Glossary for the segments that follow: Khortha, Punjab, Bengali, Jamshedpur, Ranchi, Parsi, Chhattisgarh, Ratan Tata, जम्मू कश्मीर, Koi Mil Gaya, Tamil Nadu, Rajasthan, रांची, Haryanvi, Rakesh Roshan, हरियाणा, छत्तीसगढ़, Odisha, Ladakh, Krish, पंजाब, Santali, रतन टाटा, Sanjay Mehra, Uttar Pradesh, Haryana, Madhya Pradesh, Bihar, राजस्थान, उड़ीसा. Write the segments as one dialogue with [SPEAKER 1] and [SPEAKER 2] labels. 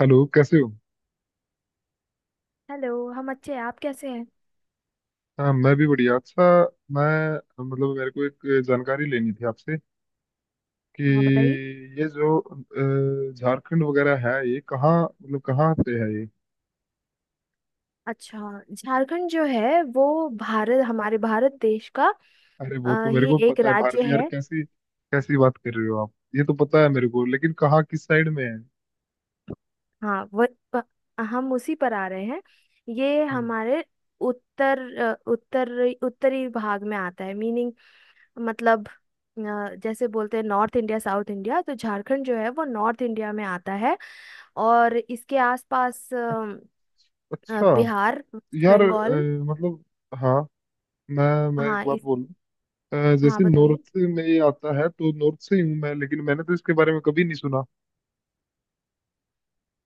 [SPEAKER 1] Hello, कैसे हो।
[SPEAKER 2] Hello हम अच्छे हैं, आप कैसे हैं?
[SPEAKER 1] हाँ, मैं भी बढ़िया। अच्छा, मैं, मतलब, मेरे को एक जानकारी लेनी थी आपसे कि
[SPEAKER 2] हाँ बताइए।
[SPEAKER 1] ये जो झारखंड वगैरह है, ये कहाँ, मतलब कहाँ पे है ये।
[SPEAKER 2] अच्छा। झारखंड जो है वो भारत, हमारे भारत देश का
[SPEAKER 1] अरे, वो तो मेरे
[SPEAKER 2] ही
[SPEAKER 1] को
[SPEAKER 2] एक
[SPEAKER 1] पता है,
[SPEAKER 2] राज्य
[SPEAKER 1] भारतीय। यार,
[SPEAKER 2] है।
[SPEAKER 1] कैसी कैसी बात कर रहे हो आप, ये तो पता है मेरे को, लेकिन कहाँ, किस साइड में है।
[SPEAKER 2] हाँ वो प- हम उसी पर आ रहे हैं। ये
[SPEAKER 1] हम्म।
[SPEAKER 2] हमारे उत्तर अ, उत्तर उत्तरी भाग में आता है मीनिंग, मतलब जैसे बोलते हैं नॉर्थ इंडिया साउथ इंडिया, तो झारखंड जो है वो नॉर्थ इंडिया में आता है। और इसके आसपास
[SPEAKER 1] अच्छा।
[SPEAKER 2] बिहार, वेस्ट
[SPEAKER 1] यार,
[SPEAKER 2] बंगाल।
[SPEAKER 1] मतलब, हाँ, मैं मैं एक
[SPEAKER 2] हाँ
[SPEAKER 1] बात
[SPEAKER 2] इस
[SPEAKER 1] बोलूँ?
[SPEAKER 2] हाँ
[SPEAKER 1] जैसे
[SPEAKER 2] बताइए।
[SPEAKER 1] नॉर्थ में ये आता है, तो नॉर्थ से ही हूँ मैं, लेकिन मैंने तो इसके बारे में कभी नहीं सुना।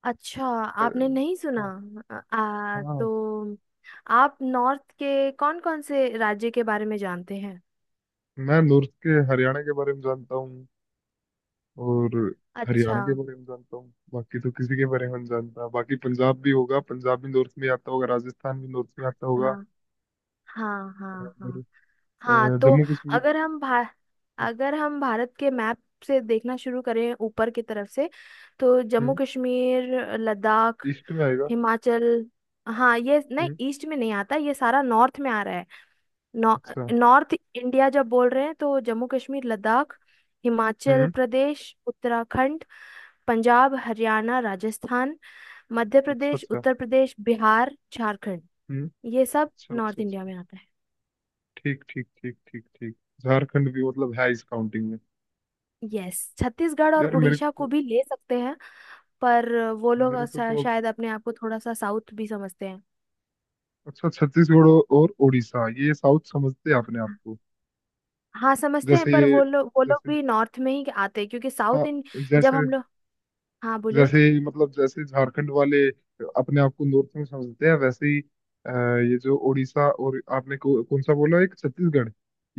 [SPEAKER 2] अच्छा।
[SPEAKER 1] अ,
[SPEAKER 2] आपने नहीं सुना।
[SPEAKER 1] हाँ।
[SPEAKER 2] आ, आ,
[SPEAKER 1] हाँ।
[SPEAKER 2] तो आप नॉर्थ के कौन कौन से राज्य के बारे में जानते हैं?
[SPEAKER 1] मैं नॉर्थ के हरियाणा के बारे में जानता हूँ, और
[SPEAKER 2] अच्छा।
[SPEAKER 1] हरियाणा के बारे में जानता हूँ, बाकी तो किसी के बारे में नहीं जानता। बाकी पंजाब भी होगा, पंजाब भी नॉर्थ में आता होगा, राजस्थान भी नॉर्थ में आता होगा,
[SPEAKER 2] हाँ। हाँ हाँ।
[SPEAKER 1] और
[SPEAKER 2] हाँ। हाँ तो
[SPEAKER 1] जम्मू कश्मीर।
[SPEAKER 2] अगर हम भा अगर हम भारत के मैप से देखना शुरू करें ऊपर की तरफ से, तो जम्मू
[SPEAKER 1] हम्म।
[SPEAKER 2] कश्मीर, लद्दाख,
[SPEAKER 1] ईस्ट में आएगा।
[SPEAKER 2] हिमाचल। हाँ ये नहीं,
[SPEAKER 1] हम्म।
[SPEAKER 2] ईस्ट में नहीं आता, ये सारा नॉर्थ में आ रहा है। नॉ-
[SPEAKER 1] अच्छा।
[SPEAKER 2] नॉर्थ इंडिया जब बोल रहे हैं तो जम्मू कश्मीर, लद्दाख, हिमाचल
[SPEAKER 1] हम्म।
[SPEAKER 2] प्रदेश, उत्तराखंड, पंजाब, हरियाणा, राजस्थान, मध्य
[SPEAKER 1] अच्छा,
[SPEAKER 2] प्रदेश,
[SPEAKER 1] अच्छा।
[SPEAKER 2] उत्तर प्रदेश, बिहार, झारखंड।
[SPEAKER 1] हम्म।
[SPEAKER 2] ये सब
[SPEAKER 1] अच्छा,
[SPEAKER 2] नॉर्थ
[SPEAKER 1] अच्छा,
[SPEAKER 2] इंडिया
[SPEAKER 1] अच्छा।
[SPEAKER 2] में आता है।
[SPEAKER 1] ठीक, ठीक, ठीक, ठीक, ठीक। झारखंड भी मतलब है इस काउंटिंग में?
[SPEAKER 2] यस, छत्तीसगढ़ और
[SPEAKER 1] यार मेरे
[SPEAKER 2] उड़ीसा को
[SPEAKER 1] को,
[SPEAKER 2] भी ले सकते हैं, पर वो लोग
[SPEAKER 1] मेरे को तो अब,
[SPEAKER 2] शायद अपने आप को थोड़ा सा साउथ भी समझते हैं।
[SPEAKER 1] अच्छा छत्तीसगढ़ और उड़ीसा ये साउथ समझते हैं आपने आपको?
[SPEAKER 2] हाँ समझते हैं,
[SPEAKER 1] जैसे।
[SPEAKER 2] पर वो लोग,
[SPEAKER 1] जैसे।
[SPEAKER 2] भी नॉर्थ में ही आते हैं क्योंकि
[SPEAKER 1] हाँ।
[SPEAKER 2] साउथ इन, जब
[SPEAKER 1] जैसे
[SPEAKER 2] हम लोग। हाँ बोलिए।
[SPEAKER 1] जैसे ही, मतलब जैसे झारखंड वाले अपने आप को नॉर्थ में समझते हैं, वैसे ही अ, ये जो उड़ीसा और आपने को, कौन सा बोला, एक छत्तीसगढ़,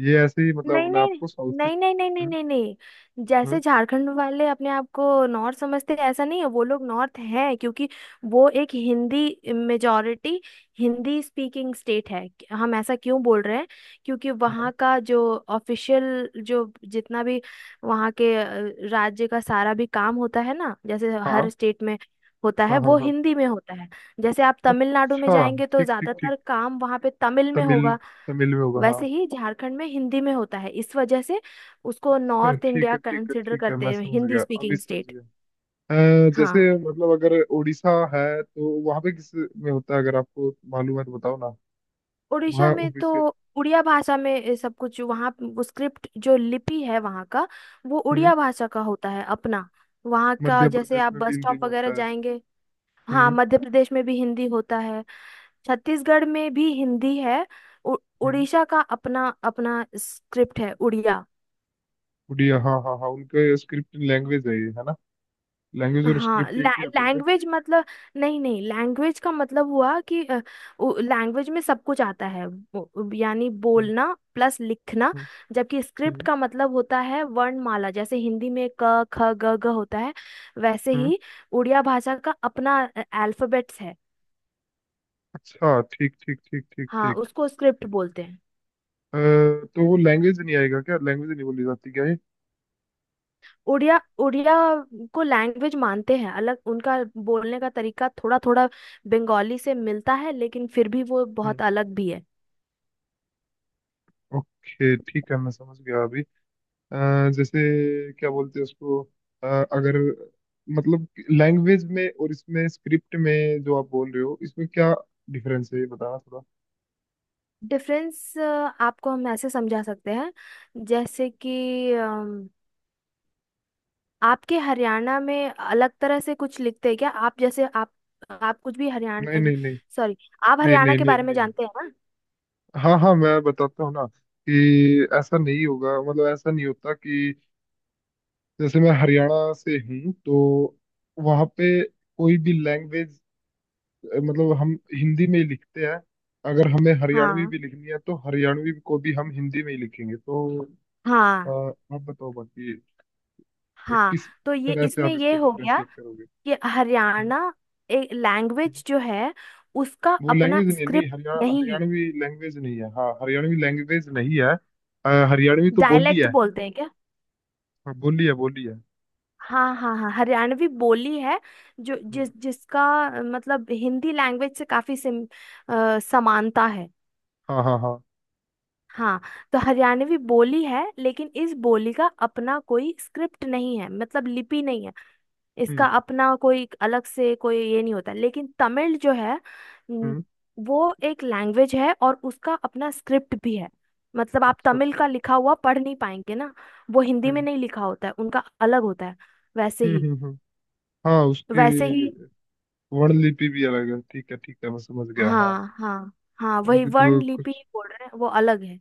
[SPEAKER 1] ये ऐसे ही, मतलब,
[SPEAKER 2] नहीं,
[SPEAKER 1] अपने
[SPEAKER 2] नहीं,
[SPEAKER 1] आप को साउथ के।
[SPEAKER 2] नहीं, नहीं, नहीं, नहीं,
[SPEAKER 1] हम्म।
[SPEAKER 2] नहीं, नहीं, जैसे
[SPEAKER 1] हम्म।
[SPEAKER 2] झारखंड वाले अपने आप को नॉर्थ समझते हैं, ऐसा नहीं है। वो लोग नॉर्थ हैं क्योंकि वो एक Hindi majority, Hindi speaking state है। हम ऐसा क्यों बोल रहे हैं? क्योंकि वहाँ
[SPEAKER 1] हाँ,
[SPEAKER 2] का जो ऑफिशियल, जो जितना भी वहाँ के राज्य का सारा भी काम होता है ना, जैसे हर
[SPEAKER 1] हाँ,
[SPEAKER 2] स्टेट में होता है,
[SPEAKER 1] हाँ। हाँ,
[SPEAKER 2] वो
[SPEAKER 1] हाँ।
[SPEAKER 2] हिंदी में होता है। जैसे आप तमिलनाडु में
[SPEAKER 1] अच्छा।
[SPEAKER 2] जाएंगे तो
[SPEAKER 1] ठीक, ठीक, ठीक।
[SPEAKER 2] ज्यादातर काम वहाँ पे तमिल में
[SPEAKER 1] तमिल।
[SPEAKER 2] होगा।
[SPEAKER 1] तमिल में होगा, हाँ।
[SPEAKER 2] वैसे ही झारखंड में हिंदी में होता है, इस वजह से उसको
[SPEAKER 1] अच्छा,
[SPEAKER 2] नॉर्थ
[SPEAKER 1] ठीक
[SPEAKER 2] इंडिया
[SPEAKER 1] है, ठीक है,
[SPEAKER 2] कंसिडर
[SPEAKER 1] ठीक है,
[SPEAKER 2] करते
[SPEAKER 1] मैं
[SPEAKER 2] हैं,
[SPEAKER 1] समझ
[SPEAKER 2] हिंदी
[SPEAKER 1] गया, अभी
[SPEAKER 2] स्पीकिंग
[SPEAKER 1] समझ
[SPEAKER 2] स्टेट।
[SPEAKER 1] गया। जैसे,
[SPEAKER 2] हाँ।
[SPEAKER 1] मतलब अगर उड़ीसा है, तो वहां पे किस में होता है, अगर आपको मालूम है तो बताओ ना।
[SPEAKER 2] उड़ीसा
[SPEAKER 1] वहाँ
[SPEAKER 2] में तो
[SPEAKER 1] ओबीसी,
[SPEAKER 2] उड़िया भाषा में ये सब कुछ, वहाँ वो स्क्रिप्ट, जो लिपि है वहाँ का, वो उड़िया भाषा का होता है अपना। वहाँ का
[SPEAKER 1] मध्य
[SPEAKER 2] जैसे
[SPEAKER 1] प्रदेश
[SPEAKER 2] आप
[SPEAKER 1] में भी
[SPEAKER 2] बस
[SPEAKER 1] हिंदी
[SPEAKER 2] स्टॉप
[SPEAKER 1] में
[SPEAKER 2] वगैरह
[SPEAKER 1] होता है।
[SPEAKER 2] जाएंगे। हाँ
[SPEAKER 1] हम्म।
[SPEAKER 2] मध्य प्रदेश में भी हिंदी होता है। छत्तीसगढ़ में भी हिंदी है। उ-
[SPEAKER 1] हम्म।
[SPEAKER 2] उड़ीसा का अपना अपना स्क्रिप्ट है, उड़िया।
[SPEAKER 1] उड़िया, हाँ, हाँ, हाँ, उनका स्क्रिप्ट लैंग्वेज है ये, है ना? लैंग्वेज और
[SPEAKER 2] हाँ
[SPEAKER 1] स्क्रिप्ट एक ही होता है क्या?
[SPEAKER 2] लैंग्वेज मतलब, नहीं नहीं, लैंग्वेज का मतलब हुआ कि लैंग्वेज में सब कुछ आता है, यानी
[SPEAKER 1] हम्म।
[SPEAKER 2] बोलना प्लस लिखना।
[SPEAKER 1] हम्म।
[SPEAKER 2] जबकि स्क्रिप्ट
[SPEAKER 1] हम्म।
[SPEAKER 2] का मतलब होता है वर्णमाला, जैसे हिंदी में क ख ग घ होता है, वैसे
[SPEAKER 1] हम्म।
[SPEAKER 2] ही उड़िया भाषा का अपना अल्फाबेट्स है।
[SPEAKER 1] अच्छा, ठीक, ठीक, ठीक, ठीक,
[SPEAKER 2] हाँ
[SPEAKER 1] ठीक।
[SPEAKER 2] उसको स्क्रिप्ट बोलते हैं।
[SPEAKER 1] अ, तो वो लैंग्वेज नहीं आएगा क्या, लैंग्वेज नहीं बोली जाती क्या ये?
[SPEAKER 2] उड़िया उड़िया को लैंग्वेज मानते हैं अलग उनका। बोलने का तरीका थोड़ा थोड़ा बंगाली से मिलता है, लेकिन फिर भी वो
[SPEAKER 1] हम्म।
[SPEAKER 2] बहुत अलग भी है।
[SPEAKER 1] ओके, ठीक है, मैं समझ गया अभी। अ, जैसे, क्या बोलते हैं उसको, अगर, मतलब, लैंग्वेज में और इसमें स्क्रिप्ट में जो आप बोल रहे हो, इसमें क्या डिफरेंस है, ये बताना थोड़ा।
[SPEAKER 2] डिफरेंस आपको हम ऐसे समझा सकते हैं, जैसे कि आपके हरियाणा में अलग तरह से कुछ लिखते हैं क्या? आप जैसे आप, कुछ भी
[SPEAKER 1] नहीं,
[SPEAKER 2] हरियाणा,
[SPEAKER 1] नहीं, नहीं,
[SPEAKER 2] सॉरी, आप
[SPEAKER 1] नहीं,
[SPEAKER 2] हरियाणा
[SPEAKER 1] नहीं,
[SPEAKER 2] के
[SPEAKER 1] नहीं,
[SPEAKER 2] बारे में
[SPEAKER 1] नहीं।
[SPEAKER 2] जानते हैं ना?
[SPEAKER 1] हाँ, हाँ, मैं बताता हूँ ना, कि ऐसा नहीं होगा, मतलब ऐसा नहीं होता, कि जैसे मैं हरियाणा से हूँ, तो वहाँ पे कोई भी लैंग्वेज, मतलब, हम हिंदी में ही लिखते हैं। अगर हमें हरियाणवी
[SPEAKER 2] हाँ
[SPEAKER 1] भी लिखनी है, तो हरियाणवी को भी हम हिंदी में ही लिखेंगे, तो अ,
[SPEAKER 2] हाँ
[SPEAKER 1] आप बताओ, बाकी
[SPEAKER 2] हाँ।
[SPEAKER 1] किस
[SPEAKER 2] तो ये
[SPEAKER 1] तरह से
[SPEAKER 2] इसमें
[SPEAKER 1] आप
[SPEAKER 2] ये
[SPEAKER 1] इसको
[SPEAKER 2] हो गया
[SPEAKER 1] डिफरेंशिएट करोगे।
[SPEAKER 2] कि
[SPEAKER 1] हम्म।
[SPEAKER 2] हरियाणा एक
[SPEAKER 1] हम्म।
[SPEAKER 2] लैंग्वेज जो है, उसका
[SPEAKER 1] वो
[SPEAKER 2] अपना
[SPEAKER 1] लैंग्वेज नहीं है, नहीं,
[SPEAKER 2] स्क्रिप्ट
[SPEAKER 1] हरियाणा,
[SPEAKER 2] नहीं है।
[SPEAKER 1] हरियाणवी लैंग्वेज नहीं है, हाँ, हरियाणवी लैंग्वेज नहीं है। हरियाणवी तो बोली
[SPEAKER 2] डायलेक्ट
[SPEAKER 1] है।
[SPEAKER 2] बोलते हैं क्या?
[SPEAKER 1] हाँ, बोली है, बोली है।
[SPEAKER 2] हाँ हाँ हाँ हरियाणवी बोली है, जो जिसका मतलब हिंदी लैंग्वेज से काफी समानता है।
[SPEAKER 1] हाँ, हाँ, हाँ।
[SPEAKER 2] हाँ तो हरियाणवी बोली है, लेकिन इस बोली का अपना कोई स्क्रिप्ट नहीं है, मतलब लिपि नहीं है। इसका
[SPEAKER 1] हम्म।
[SPEAKER 2] अपना कोई अलग से कोई ये नहीं होता, लेकिन तमिल जो है न,
[SPEAKER 1] हम्म।
[SPEAKER 2] वो एक लैंग्वेज है और उसका अपना स्क्रिप्ट भी है। मतलब आप
[SPEAKER 1] अच्छा,
[SPEAKER 2] तमिल
[SPEAKER 1] अच्छा।
[SPEAKER 2] का लिखा हुआ पढ़ नहीं पाएंगे ना। वो हिंदी में
[SPEAKER 1] हम्म।
[SPEAKER 2] नहीं लिखा होता है, उनका अलग होता है। वैसे
[SPEAKER 1] हम्म।
[SPEAKER 2] ही,
[SPEAKER 1] हम्म। हम्म। हाँ,
[SPEAKER 2] वैसे ही।
[SPEAKER 1] उसकी वर्णलिपि भी अलग है, ठीक है, ठीक है, मैं समझ गया, हाँ।
[SPEAKER 2] हाँ हाँ हाँ, वही
[SPEAKER 1] उनकी
[SPEAKER 2] वर्ण
[SPEAKER 1] तो
[SPEAKER 2] लिपि
[SPEAKER 1] कुछ।
[SPEAKER 2] ही बोल रहे हैं, वो अलग है।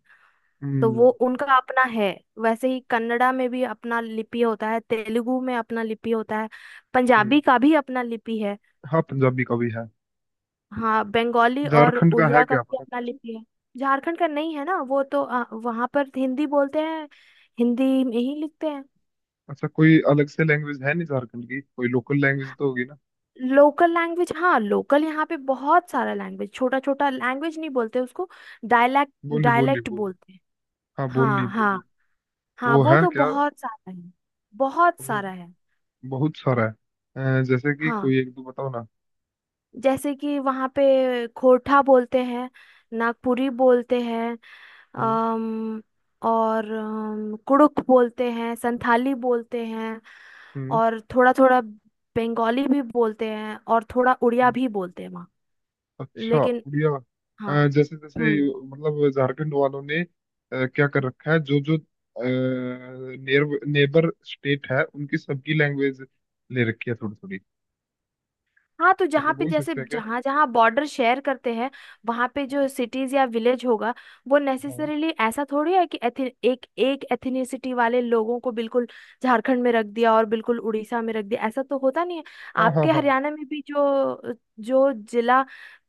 [SPEAKER 2] तो
[SPEAKER 1] हम्म।
[SPEAKER 2] वो उनका अपना है। वैसे ही कन्नड़ा में भी अपना लिपि होता है, तेलुगु में अपना लिपि होता है,
[SPEAKER 1] हम्म।
[SPEAKER 2] पंजाबी का भी अपना लिपि है।
[SPEAKER 1] हाँ, पंजाबी का भी है।
[SPEAKER 2] हाँ बंगाली और
[SPEAKER 1] झारखंड का है,
[SPEAKER 2] उड़िया का
[SPEAKER 1] क्या
[SPEAKER 2] भी
[SPEAKER 1] पता।
[SPEAKER 2] अपना लिपि है। झारखंड का नहीं है ना, वो तो वहाँ पर हिंदी बोलते हैं, हिंदी में ही लिखते हैं।
[SPEAKER 1] अच्छा, कोई अलग से लैंग्वेज है नहीं झारखंड की? कोई लोकल लैंग्वेज तो होगी ना?
[SPEAKER 2] लोकल लैंग्वेज, हाँ लोकल यहाँ पे बहुत सारा लैंग्वेज, छोटा छोटा लैंग्वेज, नहीं बोलते उसको, डायलैक्ट,
[SPEAKER 1] बोली, बोली,
[SPEAKER 2] डायलैक्ट
[SPEAKER 1] बोली।
[SPEAKER 2] बोलते हैं।
[SPEAKER 1] हाँ, बोली,
[SPEAKER 2] हाँ हाँ
[SPEAKER 1] बोली।
[SPEAKER 2] हाँ।
[SPEAKER 1] वो
[SPEAKER 2] वो
[SPEAKER 1] है
[SPEAKER 2] तो
[SPEAKER 1] क्या?
[SPEAKER 2] बहुत सारा है, बहुत
[SPEAKER 1] वो
[SPEAKER 2] सारा है।
[SPEAKER 1] बहुत सारा है? जैसे कि
[SPEAKER 2] हाँ
[SPEAKER 1] कोई एक दो बताओ ना।
[SPEAKER 2] जैसे कि वहाँ पे खोरठा बोलते हैं, नागपुरी बोलते हैं,
[SPEAKER 1] हम्म।
[SPEAKER 2] अम, और कुड़ुक बोलते हैं, संथाली बोलते हैं,
[SPEAKER 1] हम्म।
[SPEAKER 2] और थोड़ा थोड़ा बंगाली भी बोलते हैं, और थोड़ा उड़िया
[SPEAKER 1] हम्म।
[SPEAKER 2] भी बोलते हैं वहाँ।
[SPEAKER 1] अच्छा,
[SPEAKER 2] लेकिन
[SPEAKER 1] उड़िया।
[SPEAKER 2] हाँ।
[SPEAKER 1] जैसे जैसे,
[SPEAKER 2] हम्म।
[SPEAKER 1] मतलब झारखंड वालों ने क्या कर रखा है, जो जो नेबर स्टेट है, उनकी सबकी लैंग्वेज ले रखी है थोड़ी थोड़ी,
[SPEAKER 2] हाँ तो
[SPEAKER 1] ऐसा
[SPEAKER 2] जहाँ पे,
[SPEAKER 1] बोल
[SPEAKER 2] जैसे
[SPEAKER 1] सकते हैं क्या?
[SPEAKER 2] जहाँ जहाँ बॉर्डर शेयर करते हैं, वहाँ पे जो सिटीज या विलेज होगा, वो
[SPEAKER 1] हाँ,
[SPEAKER 2] नेसेसरीली ऐसा थोड़ी है कि एक एक एथनिसिटी वाले लोगों को बिल्कुल झारखंड में रख दिया और बिल्कुल उड़ीसा में रख दिया, ऐसा तो होता नहीं है।
[SPEAKER 1] हाँ, हाँ।
[SPEAKER 2] आपके
[SPEAKER 1] हाँ,
[SPEAKER 2] हरियाणा में भी जो जो जिला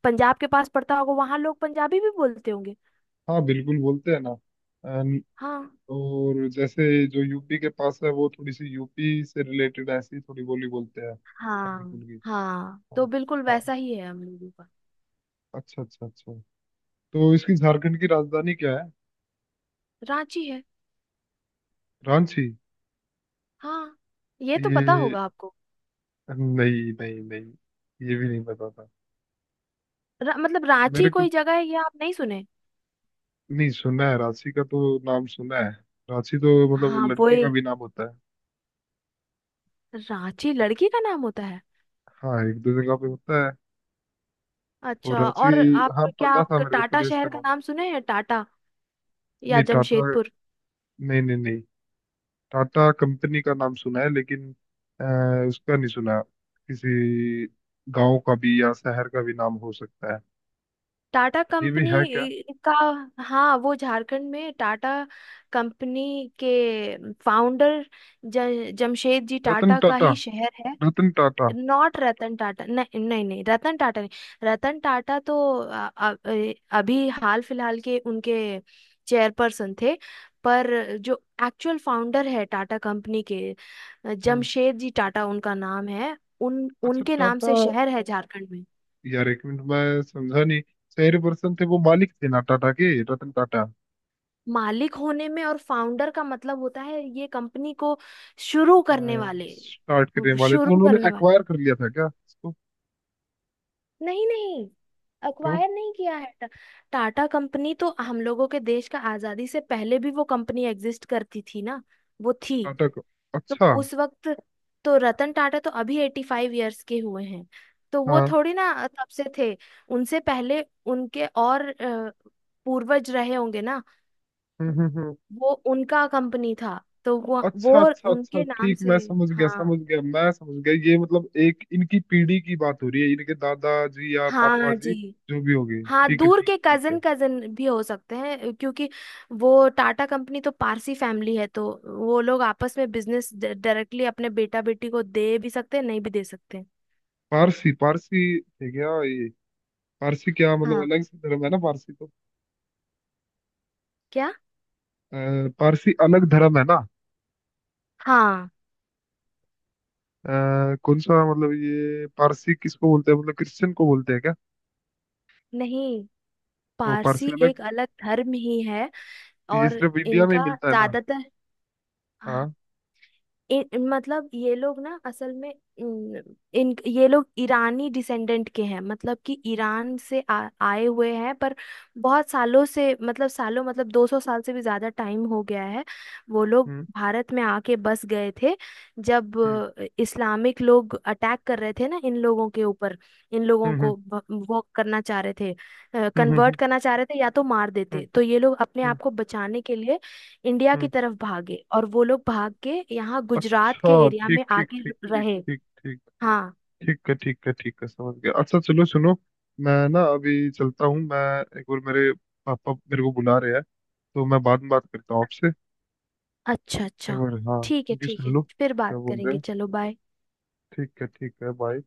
[SPEAKER 2] पंजाब के पास पड़ता होगा, वहाँ लोग पंजाबी भी बोलते होंगे।
[SPEAKER 1] हाँ, बिल्कुल बोलते हैं ना। अन-
[SPEAKER 2] हाँ
[SPEAKER 1] और जैसे जो यूपी के पास है, वो थोड़ी सी यूपी से रिलेटेड ऐसी थोड़ी बोली बोलते हैं, हल्की
[SPEAKER 2] हाँ
[SPEAKER 1] फुल्की।
[SPEAKER 2] हाँ
[SPEAKER 1] हाँ।
[SPEAKER 2] तो बिल्कुल
[SPEAKER 1] हाँ।
[SPEAKER 2] वैसा ही है हम लोगों का।
[SPEAKER 1] अच्छा, अच्छा, अच्छा। तो इसकी, झारखंड की राजधानी क्या है?
[SPEAKER 2] रांची है।
[SPEAKER 1] रांची?
[SPEAKER 2] हाँ ये तो पता
[SPEAKER 1] ये,
[SPEAKER 2] होगा आपको।
[SPEAKER 1] नहीं, नहीं, नहीं, ये भी नहीं पता था
[SPEAKER 2] मतलब रांची
[SPEAKER 1] मेरे को।
[SPEAKER 2] कोई जगह है, ये आप नहीं सुने?
[SPEAKER 1] नहीं सुना है, राशि का तो नाम सुना है। राशि तो, मतलब,
[SPEAKER 2] हाँ वो
[SPEAKER 1] लड़की का
[SPEAKER 2] एक,
[SPEAKER 1] भी नाम होता है,
[SPEAKER 2] रांची लड़की का नाम होता है।
[SPEAKER 1] हाँ, एक दो जगह पे होता है।
[SPEAKER 2] अच्छा।
[SPEAKER 1] और राशि,
[SPEAKER 2] और आप
[SPEAKER 1] हाँ,
[SPEAKER 2] क्या
[SPEAKER 1] पता था
[SPEAKER 2] आप
[SPEAKER 1] मेरे को
[SPEAKER 2] टाटा
[SPEAKER 1] प्लेस
[SPEAKER 2] शहर
[SPEAKER 1] का
[SPEAKER 2] का
[SPEAKER 1] नाम।
[SPEAKER 2] नाम सुने हैं, टाटा या
[SPEAKER 1] नहीं, टाटा,
[SPEAKER 2] जमशेदपुर?
[SPEAKER 1] नहीं, नहीं, नहीं, टाटा कंपनी का नाम सुना है, लेकिन उसका नहीं सुना। किसी गांव का भी या शहर का भी नाम हो सकता है,
[SPEAKER 2] टाटा
[SPEAKER 1] ये भी है क्या?
[SPEAKER 2] कंपनी का। हाँ वो झारखंड में, टाटा कंपनी के फाउंडर जमशेद जी
[SPEAKER 1] रतन
[SPEAKER 2] टाटा का
[SPEAKER 1] टाटा?
[SPEAKER 2] ही शहर है।
[SPEAKER 1] रतन टाटा?
[SPEAKER 2] नॉट रतन टाटा, नहीं नहीं नहीं रतन टाटा नहीं। रतन टाटा तो अभी हाल फिलहाल के उनके चेयरपर्सन थे। पर जो एक्चुअल फाउंडर है टाटा कंपनी के,
[SPEAKER 1] हम्म।
[SPEAKER 2] जमशेद जी टाटा उनका नाम है। उन
[SPEAKER 1] अच्छा,
[SPEAKER 2] उनके नाम
[SPEAKER 1] टाटा।
[SPEAKER 2] से शहर है झारखंड में।
[SPEAKER 1] यार, एक मिनट, मैं समझा नहीं। शहर पर्सन थे, वो मालिक थे ना टाटा के, रतन टाटा।
[SPEAKER 2] मालिक होने में और फाउंडर का मतलब होता है ये, कंपनी को शुरू करने वाले,
[SPEAKER 1] स्टार्ट करने वाले, तो
[SPEAKER 2] शुरू
[SPEAKER 1] उन्होंने
[SPEAKER 2] करने वाले।
[SPEAKER 1] एक्वायर कर लिया था क्या इसको?
[SPEAKER 2] नहीं नहीं
[SPEAKER 1] तो
[SPEAKER 2] अक्वायर नहीं किया है। टाटा कंपनी तो हम लोगों के देश का आजादी से पहले भी, वो कंपनी एग्जिस्ट करती थी ना, वो थी।
[SPEAKER 1] टाटा को,
[SPEAKER 2] तो
[SPEAKER 1] अच्छा।
[SPEAKER 2] उस वक्त, तो रतन टाटा तो अभी 85 ईयर्स के हुए हैं। तो वो
[SPEAKER 1] हाँ।
[SPEAKER 2] थोड़ी ना तब से थे। उनसे पहले उनके और पूर्वज रहे होंगे ना।
[SPEAKER 1] हम्म, हम्म, हम्म।
[SPEAKER 2] वो उनका कंपनी था। तो वो,
[SPEAKER 1] अच्छा, अच्छा, अच्छा,
[SPEAKER 2] उनके नाम
[SPEAKER 1] ठीक,
[SPEAKER 2] से।
[SPEAKER 1] मैं समझ गया,
[SPEAKER 2] हाँ
[SPEAKER 1] समझ गया, मैं समझ गया, ये मतलब एक इनकी पीढ़ी की बात हो रही है, इनके दादाजी या पापा
[SPEAKER 2] हाँ जी।
[SPEAKER 1] जी, जो भी हो गए,
[SPEAKER 2] हाँ
[SPEAKER 1] ठीक है,
[SPEAKER 2] दूर
[SPEAKER 1] ठीक
[SPEAKER 2] के
[SPEAKER 1] है, ठीक
[SPEAKER 2] कजन,
[SPEAKER 1] है।
[SPEAKER 2] कजन भी हो सकते हैं क्योंकि वो टाटा कंपनी तो पारसी फैमिली है, तो वो लोग आपस में बिजनेस डायरेक्टली अपने बेटा बेटी को दे भी सकते हैं, नहीं भी दे सकते हैं।
[SPEAKER 1] पारसी, पारसी थे क्या ये? पारसी, क्या मतलब,
[SPEAKER 2] हाँ।
[SPEAKER 1] अलग से धर्म है ना पारसी तो?
[SPEAKER 2] क्या?
[SPEAKER 1] अ, पारसी अलग धर्म है ना?
[SPEAKER 2] हाँ।
[SPEAKER 1] अ, कौन सा, मतलब, ये पारसी किसको बोलते हैं, मतलब क्रिश्चियन को बोलते हैं क्या?
[SPEAKER 2] नहीं,
[SPEAKER 1] तो
[SPEAKER 2] पारसी
[SPEAKER 1] पारसी
[SPEAKER 2] एक
[SPEAKER 1] अलग,
[SPEAKER 2] अलग धर्म ही है।
[SPEAKER 1] ये
[SPEAKER 2] और
[SPEAKER 1] सिर्फ इंडिया में ही
[SPEAKER 2] इनका
[SPEAKER 1] मिलता है ना?
[SPEAKER 2] ज्यादातर,
[SPEAKER 1] हाँ।
[SPEAKER 2] इन मतलब ये लोग ना असल में, इन, इन ये लोग ईरानी डिसेंडेंट के हैं, मतलब कि ईरान से आए हुए हैं। पर बहुत सालों से, मतलब सालों, मतलब 200 साल से भी ज्यादा टाइम हो गया है, वो लोग
[SPEAKER 1] हम्म।
[SPEAKER 2] भारत में आके बस गए थे। जब
[SPEAKER 1] हम्म।
[SPEAKER 2] इस्लामिक लोग अटैक कर रहे थे ना इन लोगों के ऊपर, इन लोगों को
[SPEAKER 1] हम्म।
[SPEAKER 2] वो करना चाह रहे थे,
[SPEAKER 1] हम्म। हम्म। हम्म।
[SPEAKER 2] कन्वर्ट
[SPEAKER 1] हम्म।
[SPEAKER 2] करना चाह रहे थे, या तो मार देते,
[SPEAKER 1] हम्म।
[SPEAKER 2] तो ये लोग अपने
[SPEAKER 1] हम्म।
[SPEAKER 2] आप को बचाने के लिए इंडिया की
[SPEAKER 1] हम्म।
[SPEAKER 2] तरफ भागे, और वो लोग भाग के यहाँ गुजरात
[SPEAKER 1] अच्छा,
[SPEAKER 2] के एरिया
[SPEAKER 1] ठीक,
[SPEAKER 2] में
[SPEAKER 1] ठीक,
[SPEAKER 2] आके
[SPEAKER 1] ठीक, ठीक,
[SPEAKER 2] रहे।
[SPEAKER 1] ठीक, ठीक।
[SPEAKER 2] हाँ।
[SPEAKER 1] ठीक है, ठीक है, ठीक है, समझ गया। अच्छा चलो सुनो, मैं ना अभी चलता हूँ मैं, एक बार, मेरे पापा मेरे को बुला रहे हैं, तो मैं बाद में बात करता हूँ आपसे।
[SPEAKER 2] अच्छा
[SPEAKER 1] एक
[SPEAKER 2] अच्छा।
[SPEAKER 1] बार, हाँ,
[SPEAKER 2] ठीक है
[SPEAKER 1] उनकी
[SPEAKER 2] ठीक
[SPEAKER 1] सुन
[SPEAKER 2] है,
[SPEAKER 1] लो
[SPEAKER 2] फिर
[SPEAKER 1] क्या
[SPEAKER 2] बात
[SPEAKER 1] बोल रहे
[SPEAKER 2] करेंगे,
[SPEAKER 1] हैं।
[SPEAKER 2] चलो बाय।
[SPEAKER 1] ठीक है, ठीक है, बाय।